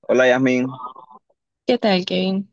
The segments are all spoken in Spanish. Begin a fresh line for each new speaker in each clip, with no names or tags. Hola Yasmin,
¿Qué tal, Kevin?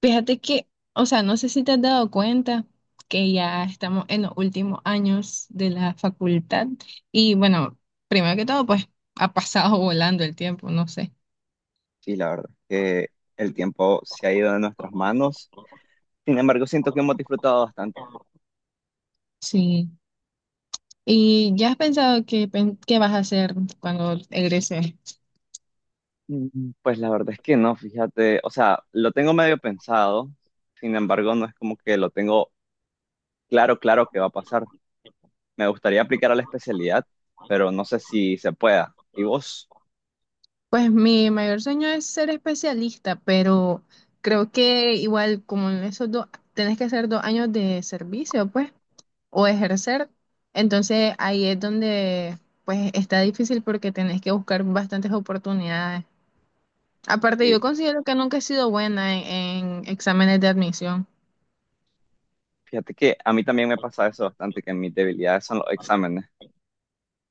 Fíjate que, o sea, no sé si te has dado cuenta que ya estamos en los últimos años de la facultad y bueno, primero que todo, pues ha pasado volando el tiempo, no sé.
sí, la verdad que el tiempo se ha ido de nuestras manos, sin embargo siento que hemos disfrutado bastante.
Sí. ¿Y ya has pensado qué vas a hacer cuando egreses?
Pues la verdad es que no, fíjate, o sea, lo tengo medio pensado, sin embargo no es como que lo tengo claro, claro que va a pasar. Me gustaría aplicar a la especialidad, pero no sé si se pueda. ¿Y vos?
Pues mi mayor sueño es ser especialista, pero creo que igual como en esos dos, tenés que hacer 2 años de servicio, pues, o ejercer. Entonces ahí es donde pues está difícil porque tenés que buscar bastantes oportunidades. Aparte,
Y
yo considero que nunca he sido buena en exámenes de admisión.
fíjate que a mí también me pasa eso bastante, que mis debilidades son los exámenes.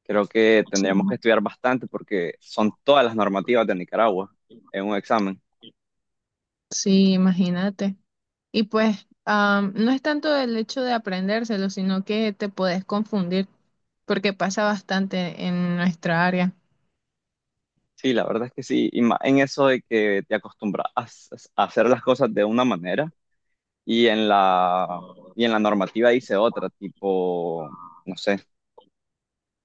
Creo que
Sí,
tendríamos que estudiar bastante porque son todas las normativas de Nicaragua en un examen.
sí, imagínate. Y pues no es tanto el hecho de aprendérselo, sino que te puedes confundir porque pasa bastante en nuestra área.
Sí, la verdad es que sí, y más en eso de que te acostumbras a a hacer las cosas de una manera y y en la normativa dice otra, tipo, no sé,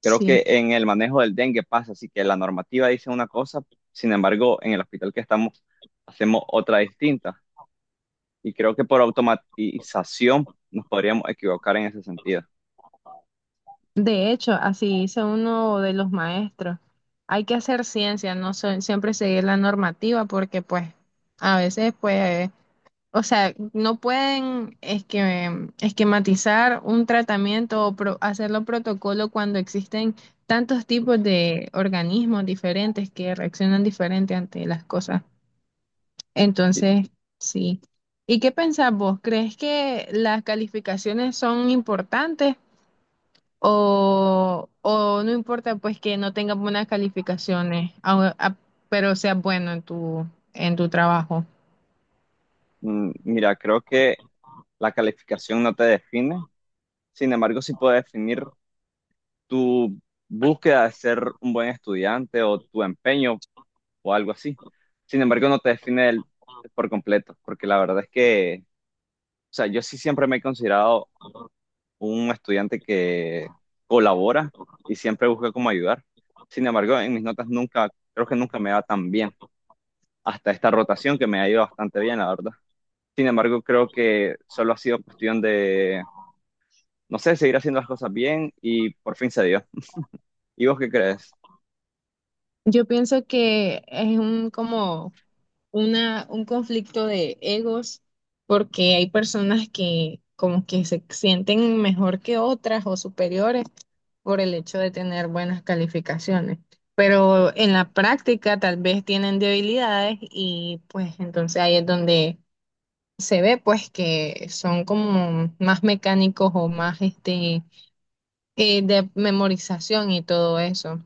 creo
Sí.
que en el manejo del dengue pasa, así que la normativa dice una cosa, sin embargo, en el hospital que estamos hacemos otra distinta y creo que por automatización nos podríamos equivocar en ese sentido.
De hecho, así dice uno de los maestros, hay que hacer ciencia, no siempre seguir la normativa porque pues a veces pues, o sea, no pueden esquematizar un tratamiento o hacerlo protocolo cuando existen tantos tipos de organismos diferentes que reaccionan diferente ante las cosas.
Sí,
Entonces, sí. ¿Y qué pensás vos? ¿Crees que las calificaciones son importantes? O no importa pues que no tengas buenas calificaciones, pero seas bueno en tu trabajo.
mira, creo que la calificación no te define, sin embargo, sí puede definir tu búsqueda de ser un buen estudiante o tu empeño o algo así. Sin embargo, no te define por completo, porque la verdad es que, o sea, yo sí siempre me he considerado un estudiante que colabora y siempre busca cómo ayudar. Sin embargo, en mis notas nunca, creo que nunca me va tan bien. Hasta esta rotación que me ha ido bastante bien, la verdad. Sin embargo, creo que solo ha sido cuestión de, no sé, seguir haciendo las cosas bien y por fin se dio. ¿Y vos qué crees?
Yo pienso que es un conflicto de egos porque hay personas que como que se sienten mejor que otras o superiores por el hecho de tener buenas calificaciones. Pero en la práctica tal vez tienen debilidades y pues entonces ahí es donde se ve pues que son como más mecánicos o más de memorización y todo eso.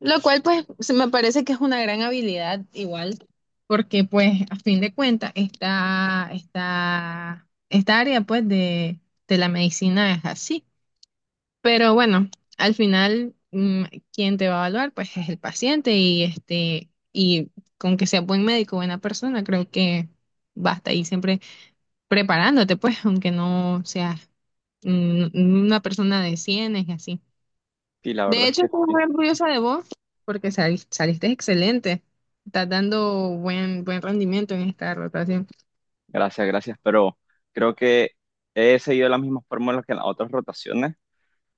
Lo cual pues se me parece que es una gran habilidad igual, porque pues a fin de cuentas esta área pues de la medicina es así. Pero bueno, al final quien te va a evaluar pues es el paciente y con que sea buen médico, buena persona, creo que basta y siempre preparándote, pues, aunque no seas una persona de cienes y así.
Sí, la
De
verdad es
hecho,
que
estoy
sí.
muy orgullosa de vos porque saliste excelente. Estás dando buen rendimiento en esta rotación.
Gracias, gracias, pero creo que he seguido las mismas fórmulas que en las otras rotaciones,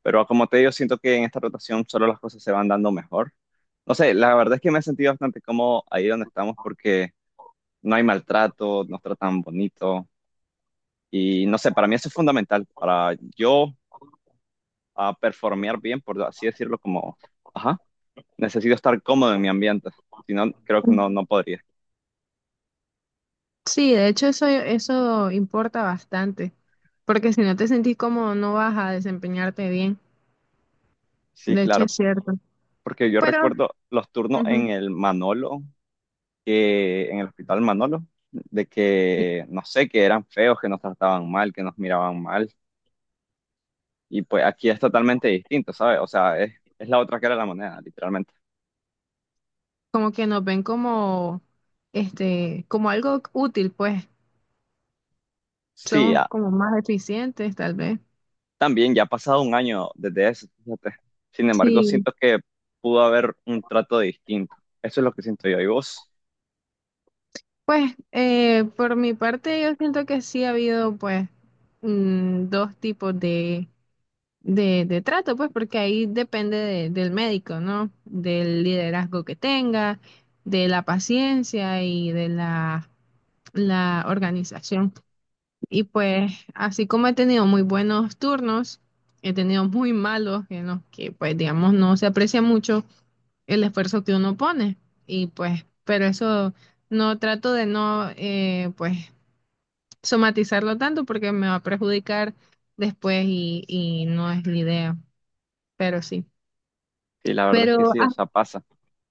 pero como te digo, siento que en esta rotación solo las cosas se van dando mejor. No sé, la verdad es que me he sentido bastante cómodo ahí donde estamos porque no hay maltrato, nos tratan bonito y no sé, para mí eso es fundamental, para yo a performear bien, por así decirlo, como, ajá, necesito estar cómodo en mi ambiente, si no, creo que no, no podría.
Sí, de hecho eso importa bastante, porque si no te sentís cómodo no vas a desempeñarte bien.
Sí,
De hecho
claro,
es cierto.
porque yo
Pero
recuerdo los turnos
ujú,
en el Manolo, que en el hospital Manolo, de que, no sé, que eran feos, que nos trataban mal, que nos miraban mal. Y pues aquí es totalmente distinto, ¿sabes? O sea, es la otra cara de la moneda, literalmente.
como que nos ven como algo útil, pues
Sí,
somos como más eficientes tal vez.
también ya ha pasado un año desde eso, fíjate. Sin embargo,
Sí.
siento que pudo haber un trato distinto. Eso es lo que siento yo. ¿Y vos?
Pues por mi parte yo siento que sí ha habido pues dos tipos de trato, pues porque ahí depende del médico, ¿no? Del liderazgo que tenga, de la paciencia y de la organización. Y pues así como he tenido muy buenos turnos, he tenido muy malos en los que pues digamos no se aprecia mucho el esfuerzo que uno pone. Y pues, pero eso. No trato de no, pues, somatizarlo tanto porque me va a perjudicar después y no es la idea, pero sí.
Sí, la verdad es que
Pero
sí, o sea, pasa.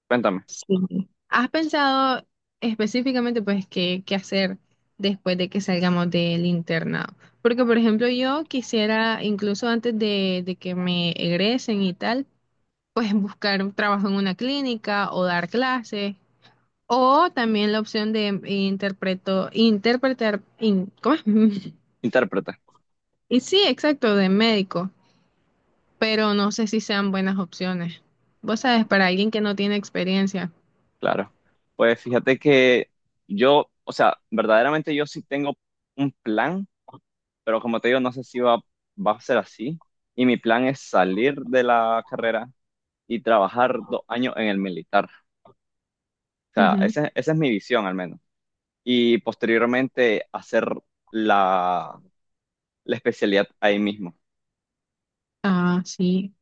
Cuéntame,
sí. ¿Has pensado específicamente pues qué hacer después de que salgamos del internado? Porque por ejemplo yo quisiera incluso antes de que me egresen y tal, pues buscar un trabajo en una clínica o dar clases. O también la opción de interpretar, ¿cómo es?
intérprete,
Y sí, exacto, de médico, pero no sé si sean buenas opciones. Vos sabes, para alguien que no tiene experiencia.
claro. Pues fíjate que yo, o sea, verdaderamente yo sí tengo un plan. Pero como te digo, no sé si va, va a ser así. Y mi plan es salir de la carrera y trabajar 2 años en el militar. O sea,
Ujú.
esa es mi visión al menos. Y posteriormente hacer la, la especialidad ahí mismo.
Ah, sí,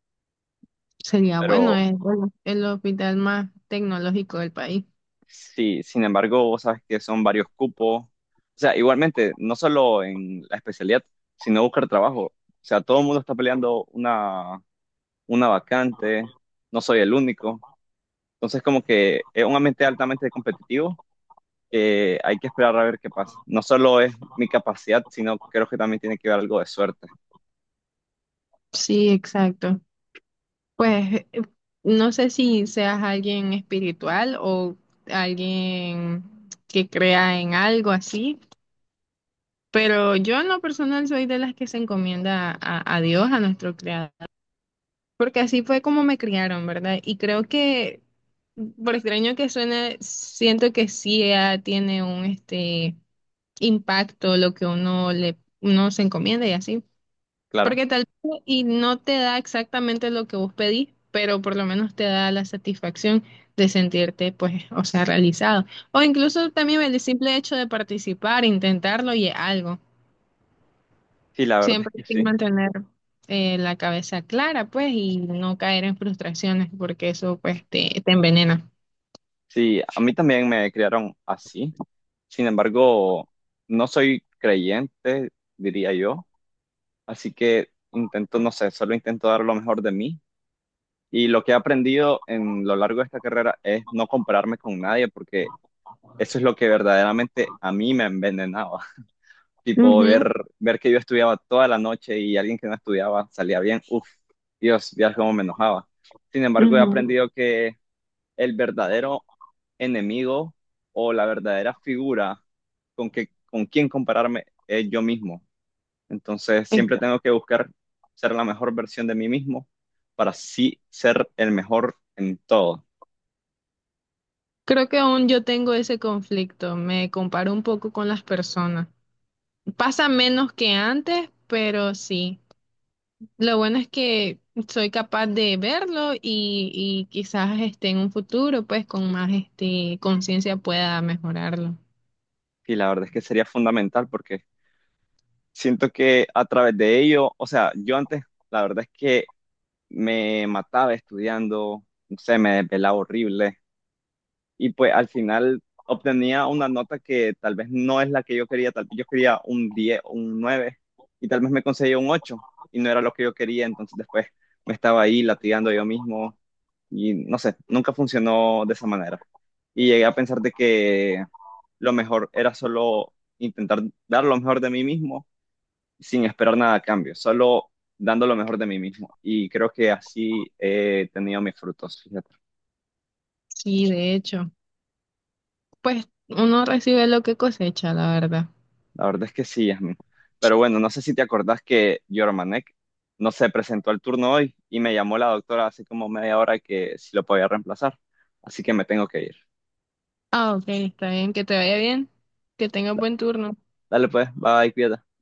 sería bueno,
Pero
es bueno, el hospital más tecnológico del país.
sí, sin embargo, vos sabes que son varios cupos. O sea, igualmente, no solo en la especialidad, sino buscar trabajo. O sea, todo el mundo está peleando una vacante. No soy el único. Entonces, como que es un ambiente altamente competitivo que hay que esperar a ver qué pasa. No solo es mi capacidad, sino creo que también tiene que ver algo de suerte,
Sí, exacto. Pues no sé si seas alguien espiritual o alguien que crea en algo así, pero yo en lo personal soy de las que se encomienda a Dios, a nuestro creador. Porque así fue como me criaron, ¿verdad? Y creo que, por extraño que suene, siento que sí tiene un impacto lo que uno se encomienda y así.
claro.
Porque tal vez y no te da exactamente lo que vos pedís, pero por lo menos te da la satisfacción de sentirte, pues, o sea, realizado. O incluso también el simple hecho de participar, intentarlo y es algo.
Sí, la verdad es
Siempre hay
que
que
sí.
mantener la cabeza clara, pues, y no caer en frustraciones, porque eso, pues, te envenena.
Sí, a mí también me criaron así. Sin embargo, no soy creyente, diría yo. Así que intento, no sé, solo intento dar lo mejor de mí. Y lo que he aprendido en lo largo de esta carrera es no compararme con nadie, porque eso es lo que verdaderamente a mí me envenenaba. Tipo
Ujú,
ver, ver que yo estudiaba toda la noche y alguien que no estudiaba salía bien, uff, Dios, Dios, cómo me enojaba. Sin embargo, he
ujú,
aprendido que el verdadero enemigo o la verdadera figura con quien compararme es yo mismo. Entonces, siempre
exacto.
tengo que buscar ser la mejor versión de mí mismo para sí ser el mejor en todo.
Creo que aún yo tengo ese conflicto, me comparo un poco con las personas. Pasa menos que antes, pero sí. Lo bueno es que soy capaz de verlo y quizás en un futuro, pues, con más conciencia pueda mejorarlo.
Y la verdad es que sería fundamental porque siento que a través de ello, o sea, yo antes, la verdad es que me mataba estudiando, se me desvelaba horrible y pues al final obtenía una nota que tal vez no es la que yo quería, tal vez yo quería un 10 o un 9 y tal vez me conseguía un 8 y no era lo que yo quería, entonces después me estaba ahí latigando yo mismo y no sé, nunca funcionó de esa manera. Y llegué a pensar de que lo mejor era solo intentar dar lo mejor de mí mismo sin esperar nada a cambio, solo dando lo mejor de mí mismo. Y creo que así he tenido mis frutos, fíjate.
Sí, de hecho, pues uno recibe lo que cosecha, la verdad.
La verdad es que sí, Yasmin. Pero bueno, no sé si te acordás que Yormanek no se presentó al turno hoy y me llamó la doctora hace como media hora que si lo podía reemplazar. Así que me tengo que ir.
Ah, ok, está bien, que te vaya bien, que tengas buen turno.
Dale pues, bye, cuídate.